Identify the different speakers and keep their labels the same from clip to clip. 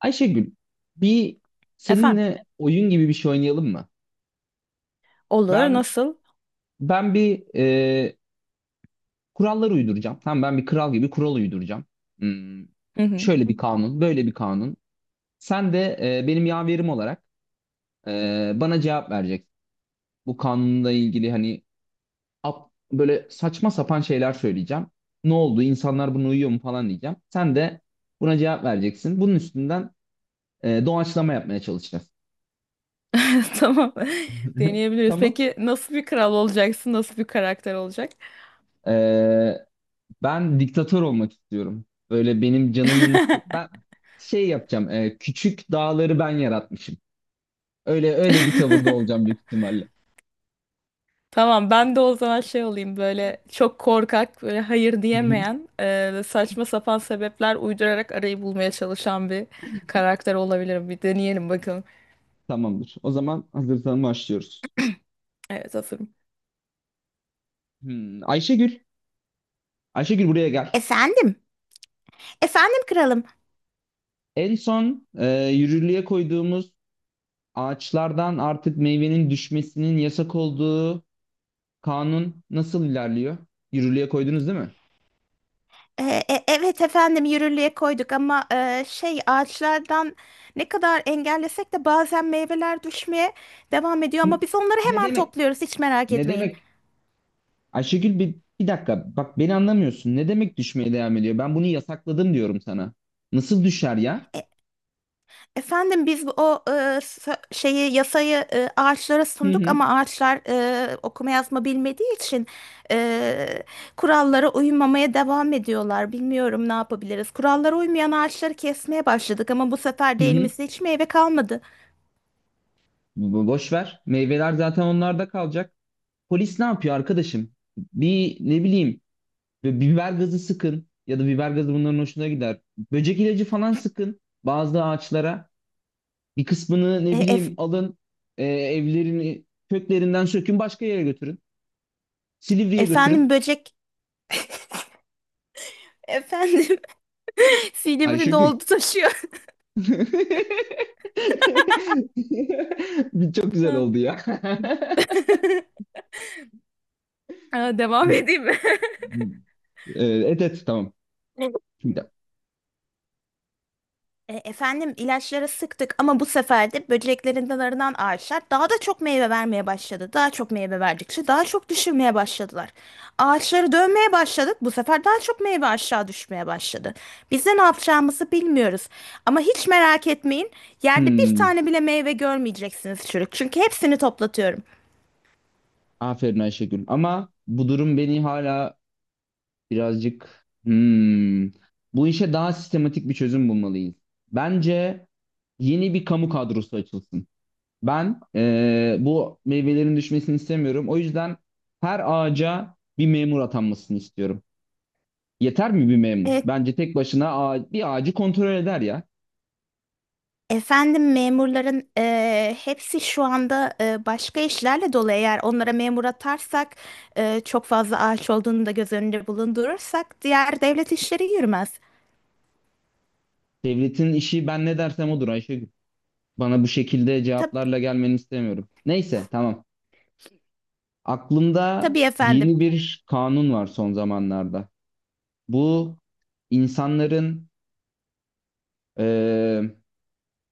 Speaker 1: Ayşegül, bir
Speaker 2: Efendim?
Speaker 1: seninle oyun gibi bir şey oynayalım mı?
Speaker 2: Olur.
Speaker 1: Ben
Speaker 2: Nasıl?
Speaker 1: ben bir kurallar uyduracağım. Tamam, ben bir kral gibi kural uyduracağım. Hmm,
Speaker 2: Hı hı.
Speaker 1: Şöyle bir kanun, böyle bir kanun. Sen de benim yaverim olarak bana cevap vereceksin. Bu kanunla ilgili hani böyle saçma sapan şeyler söyleyeceğim. Ne oldu? İnsanlar buna uyuyor mu falan diyeceğim. Sen de buna cevap vereceksin. Bunun üstünden doğaçlama yapmaya çalışacağız.
Speaker 2: Tamam. Deneyebiliriz.
Speaker 1: Tamam.
Speaker 2: Peki nasıl bir kral olacaksın? Nasıl bir karakter olacak?
Speaker 1: Ee, Ben diktatör olmak istiyorum. Böyle benim ben şey yapacağım. Küçük dağları ben yaratmışım. Öyle öyle bir tavırda olacağım büyük ihtimalle.
Speaker 2: Tamam, ben de o zaman şey olayım, böyle çok korkak, böyle hayır
Speaker 1: Hı hı.
Speaker 2: diyemeyen, saçma sapan sebepler uydurarak arayı bulmaya çalışan bir karakter olabilirim. Bir deneyelim bakalım.
Speaker 1: Tamamdır. O zaman hazırsan başlıyoruz.
Speaker 2: Evet,
Speaker 1: Ayşegül, buraya gel. En son yürürlüğe koyduğumuz, ağaçlardan artık meyvenin düşmesinin yasak olduğu kanun nasıl ilerliyor? Yürürlüğe koydunuz, değil mi?
Speaker 2: hazırım.
Speaker 1: Hı, ne demek? Ne demek? Ayşegül bir dakika, bak beni anlamıyorsun. Ne demek düşmeye devam ediyor? Ben bunu yasakladım diyorum sana. Nasıl düşer ya?
Speaker 2: Biz şeyi, yasayı ağaçlara
Speaker 1: Hı
Speaker 2: sunduk
Speaker 1: hı
Speaker 2: ama ağaçlar okuma yazma bilmediği için e, kurallara uymamaya devam ediyorlar. Bilmiyorum ne yapabiliriz. Kurallara uymayan ağaçları kesmeye başladık ama bu sefer
Speaker 1: hı
Speaker 2: de
Speaker 1: hı.
Speaker 2: elimizde hiç meyve kalmadı.
Speaker 1: Boş ver. Meyveler zaten onlarda kalacak. Polis ne yapıyor arkadaşım? Bir ne bileyim bir biber gazı sıkın, ya da biber gazı bunların hoşuna gider. Böcek ilacı falan sıkın bazı ağaçlara. Bir kısmını ne
Speaker 2: E, ef-
Speaker 1: bileyim alın, evlerini köklerinden sökün, başka yere götürün. Silivri'ye götürün.
Speaker 2: Efendim, böcek efendim. Silivri
Speaker 1: Ayşegül.
Speaker 2: doldu taşıyor.
Speaker 1: Bir çok güzel
Speaker 2: Ha.
Speaker 1: oldu ya.
Speaker 2: Aa, devam edeyim mi?
Speaker 1: Evet, evet, tamam. Şimdi.
Speaker 2: Efendim, ilaçları sıktık ama bu sefer de böceklerin dalarından ağaçlar daha da çok meyve vermeye başladı. Daha çok meyve verdikçe daha çok düşürmeye başladılar. Ağaçları dönmeye başladık. Bu sefer daha çok meyve aşağı düşmeye başladı. Biz de ne yapacağımızı bilmiyoruz. Ama hiç merak etmeyin. Yerde bir
Speaker 1: Hmm,
Speaker 2: tane bile meyve görmeyeceksiniz çürük. Çünkü hepsini toplatıyorum.
Speaker 1: Aferin Ayşegül. Ama bu durum beni hala birazcık bu işe daha sistematik bir çözüm bulmalıyız. Bence yeni bir kamu kadrosu açılsın. Ben bu meyvelerin düşmesini istemiyorum. O yüzden her ağaca bir memur atanmasını istiyorum. Yeter mi bir memur?
Speaker 2: E,
Speaker 1: Bence tek başına bir ağacı kontrol eder ya.
Speaker 2: Efendim, memurların hepsi şu anda başka işlerle dolu. Eğer onlara memur atarsak çok fazla ağaç olduğunu da göz önünde bulundurursak diğer devlet işleri yürümez.
Speaker 1: Devletin işi ben ne dersem odur Ayşegül. Bana bu şekilde
Speaker 2: Tab
Speaker 1: cevaplarla gelmeni istemiyorum. Neyse, tamam. Aklımda
Speaker 2: tabii efendim.
Speaker 1: yeni bir kanun var son zamanlarda. Bu insanların eee,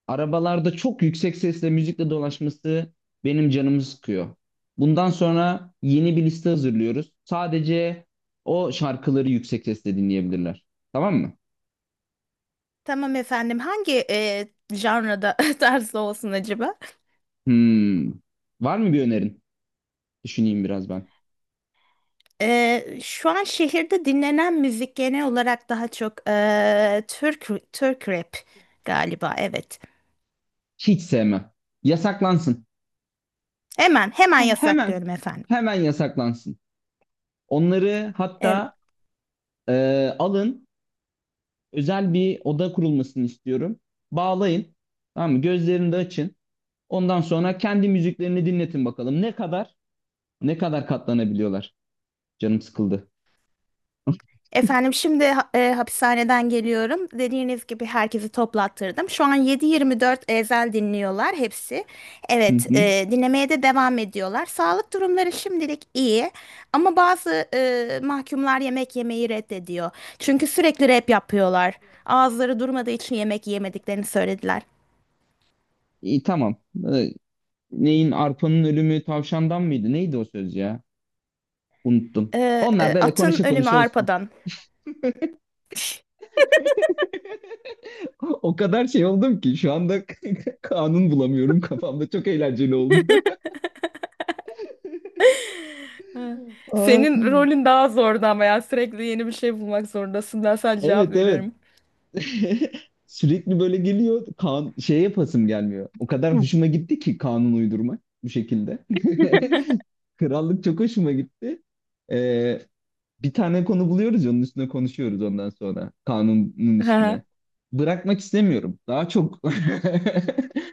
Speaker 1: arabalarda çok yüksek sesle müzikle dolaşması benim canımı sıkıyor. Bundan sonra yeni bir liste hazırlıyoruz. Sadece o şarkıları yüksek sesle dinleyebilirler. Tamam mı?
Speaker 2: Tamam efendim. Hangi janrada, tarzda olsun acaba?
Speaker 1: Hmm. Var mı bir önerin? Düşüneyim biraz ben.
Speaker 2: Şu an şehirde dinlenen müzik genel olarak daha çok Türk rap galiba. Evet.
Speaker 1: Hiç sevmem. Yasaklansın.
Speaker 2: Hemen hemen
Speaker 1: Tamam.
Speaker 2: yasaklıyorum efendim.
Speaker 1: Hemen yasaklansın. Onları hatta alın, özel bir oda kurulmasını istiyorum. Bağlayın, tamam mı? Gözlerini de açın. Ondan sonra kendi müziklerini dinletin bakalım. Ne kadar katlanabiliyorlar. Canım sıkıldı.
Speaker 2: Efendim, şimdi hapishaneden geliyorum. Dediğiniz gibi herkesi toplattırdım. Şu an 7-24 ezel dinliyorlar hepsi.
Speaker 1: Hı
Speaker 2: Evet,
Speaker 1: hı.
Speaker 2: dinlemeye de devam ediyorlar. Sağlık durumları şimdilik iyi ama bazı mahkumlar yemek yemeyi reddediyor. Çünkü sürekli rap yapıyorlar. Ağızları durmadığı için yemek yemediklerini söylediler.
Speaker 1: İyi, tamam. E, Neyin arpanın ölümü tavşandan mıydı? Neydi o söz ya? Unuttum. Onlar böyle
Speaker 2: Atın
Speaker 1: konuşa
Speaker 2: ölümü
Speaker 1: konuşa
Speaker 2: arpadan.
Speaker 1: o kadar şey oldum ki şu anda kanun bulamıyorum kafamda. Çok eğlenceli oldu.
Speaker 2: Ha.
Speaker 1: Aa,
Speaker 2: Senin rolün daha zordu ama ya, sürekli yeni bir şey bulmak zorundasın. Ben sadece cevap
Speaker 1: evet evet.
Speaker 2: veriyorum.
Speaker 1: Sürekli böyle geliyor. Kan şey yapasım gelmiyor. O kadar hoşuma gitti ki kanun uydurmak bu şekilde. Krallık çok hoşuma gitti. Ee, Bir tane konu buluyoruz, onun üstüne konuşuyoruz ondan sonra. Kanunun
Speaker 2: Hı hı.
Speaker 1: üstüne. Bırakmak istemiyorum. Daha çok böyle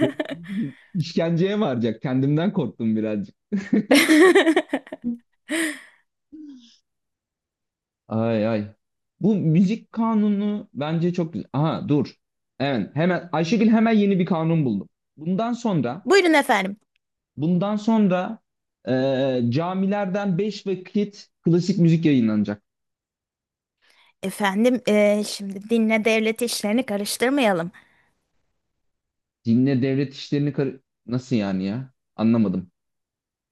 Speaker 1: ne bileyim, işkenceye varacak. Kendimden korktum birazcık. Ay ay. Bu müzik kanunu bence çok güzel. Aha dur. Evet, hemen Ayşegül hemen yeni bir kanun buldu. Bundan sonra
Speaker 2: Buyurun efendim.
Speaker 1: bundan sonra camilerden 5 vakit klasik müzik yayınlanacak.
Speaker 2: Efendim, şimdi dinle devlet işlerini karıştırmayalım.
Speaker 1: Dinle devlet işlerini nasıl yani ya? Anlamadım.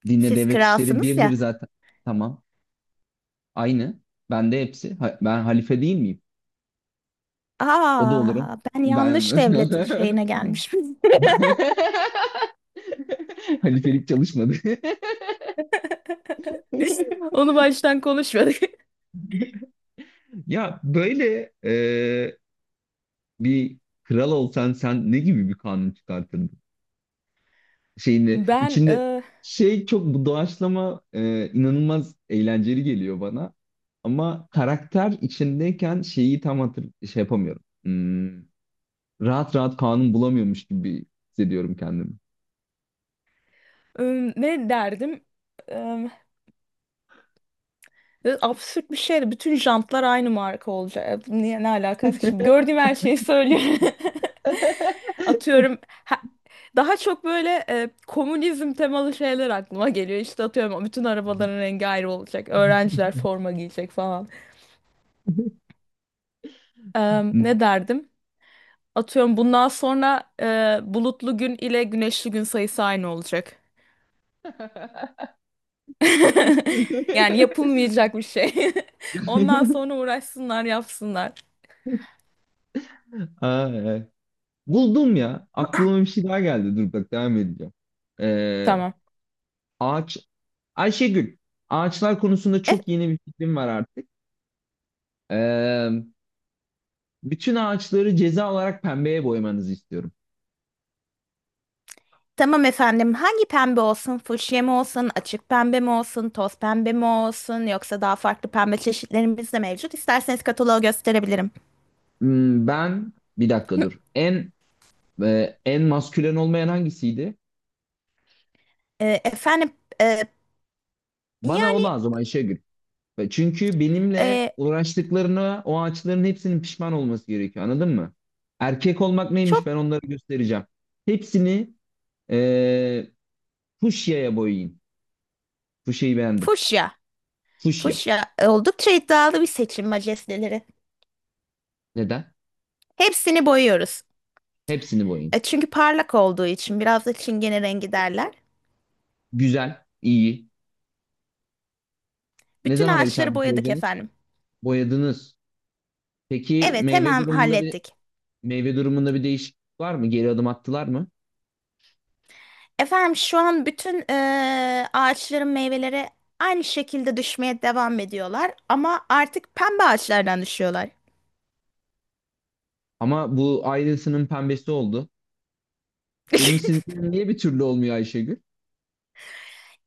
Speaker 1: Dinle
Speaker 2: Siz
Speaker 1: devlet işleri
Speaker 2: kralsınız
Speaker 1: birdir
Speaker 2: ya.
Speaker 1: zaten. Tamam. Aynı. Ben de hepsi. Ben halife değil miyim? O da olurum.
Speaker 2: Aa, ben
Speaker 1: Ben
Speaker 2: yanlış devlet şeyine gelmişim.
Speaker 1: halifelik çalışmadı.
Speaker 2: Onu baştan konuşmadık.
Speaker 1: Ya böyle bir kral olsan sen ne gibi bir kanun çıkartırdın? Şeyinde
Speaker 2: Ben
Speaker 1: içinde
Speaker 2: e,
Speaker 1: şey çok bu doğaçlama inanılmaz eğlenceli geliyor bana. Ama karakter içindeyken şeyi tam şey yapamıyorum. Rahat rahat kanun bulamıyormuş gibi hissediyorum kendimi.
Speaker 2: e, Ne derdim? E, Absürt bir şeydi. Bütün jantlar aynı marka olacak. Niye, ne alakası? Şimdi gördüğüm her şeyi söylüyorum. Atıyorum, ha- daha çok böyle komünizm temalı şeyler aklıma geliyor. İşte atıyorum, bütün arabaların rengi ayrı olacak. Öğrenciler forma giyecek falan. Ne derdim? Atıyorum, bundan sonra bulutlu gün ile güneşli gün sayısı aynı olacak. Yani yapılmayacak bir şey. Ondan sonra uğraşsınlar, yapsınlar.
Speaker 1: Aa, evet. Buldum ya. Aklıma bir şey daha geldi. Dur bak, devam edeceğim. Ee,
Speaker 2: Tamam.
Speaker 1: ağaç Ayşegül, ağaçlar konusunda çok yeni bir fikrim var artık. Ee, Bütün ağaçları ceza olarak pembeye boyamanızı istiyorum.
Speaker 2: Tamam efendim. Hangi pembe olsun? Fuşya mı olsun? Açık pembe mi olsun? Toz pembe mi olsun? Yoksa daha farklı pembe çeşitlerimiz de mevcut. İsterseniz kataloğu gösterebilirim.
Speaker 1: Ben bir dakika dur. En maskülen olmayan hangisiydi?
Speaker 2: Efendim, e,
Speaker 1: Bana o
Speaker 2: yani,
Speaker 1: lazım Ayşegül. Ve çünkü benimle
Speaker 2: e,
Speaker 1: uğraştıklarına o ağaçların hepsinin pişman olması gerekiyor. Anladın mı? Erkek olmak neymiş,
Speaker 2: çok
Speaker 1: ben onları göstereceğim. Hepsini e, fuşyaya boyayın. Fuşyayı beğendim.
Speaker 2: fuşya.
Speaker 1: Fuşya.
Speaker 2: Fuşya oldukça iddialı bir seçim majesteleri.
Speaker 1: Neden?
Speaker 2: Hepsini boyuyoruz.
Speaker 1: Hepsini boyayın.
Speaker 2: Çünkü parlak olduğu için biraz da çingene rengi derler.
Speaker 1: Güzel, iyi. Ne
Speaker 2: Bütün
Speaker 1: zamana biter
Speaker 2: ağaçları
Speaker 1: bu
Speaker 2: boyadık
Speaker 1: projeniz?
Speaker 2: efendim.
Speaker 1: Boyadınız. Peki
Speaker 2: Evet, hemen hallettik.
Speaker 1: meyve durumunda bir değişiklik var mı? Geri adım attılar mı?
Speaker 2: Efendim, şu an bütün ağaçların meyveleri aynı şekilde düşmeye devam ediyorlar ama artık pembe ağaçlardan düşüyorlar.
Speaker 1: Ama bu Ayrılsın'ın pembesi oldu. Benim istediklerim niye bir türlü olmuyor Ayşegül?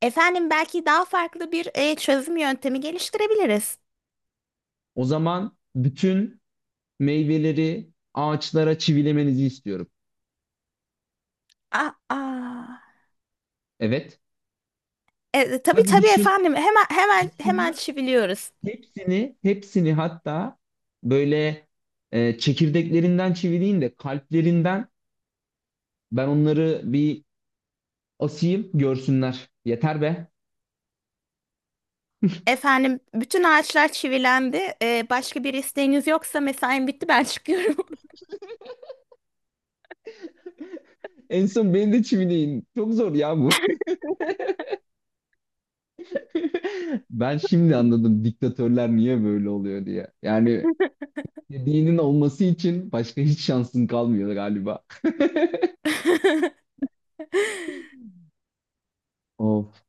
Speaker 2: Efendim, belki daha farklı bir çözüm yöntemi geliştirebiliriz.
Speaker 1: O zaman bütün meyveleri ağaçlara çivilemenizi istiyorum.
Speaker 2: Aa, aa.
Speaker 1: Evet.
Speaker 2: Tabii
Speaker 1: Hadi
Speaker 2: tabii
Speaker 1: düşün,
Speaker 2: efendim, hemen hemen
Speaker 1: düşünler.
Speaker 2: çiviliyoruz.
Speaker 1: Hepsini hatta böyle çekirdeklerinden çivileyin de kalplerinden ben onları bir asayım görsünler. Yeter be.
Speaker 2: Efendim, bütün ağaçlar çivilendi. Başka bir isteğiniz yoksa mesaim bitti, ben çıkıyorum.
Speaker 1: En son beni de çivileyin. Çok zor ya bu. Ben şimdi anladım diktatörler niye böyle oluyor diye. Yani dinin olması için başka hiç şansın kalmıyor galiba. Of.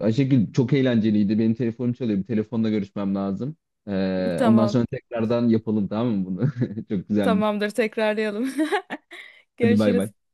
Speaker 1: Ayşegül çok eğlenceliydi. Benim telefonum çalıyor. Bir telefonla görüşmem lazım. Ondan
Speaker 2: Tamam,
Speaker 1: sonra tekrardan yapalım tamam mı bunu? Çok güzelmiş.
Speaker 2: tamamdır, tekrarlayalım.
Speaker 1: Hadi bay bay.
Speaker 2: Görüşürüz.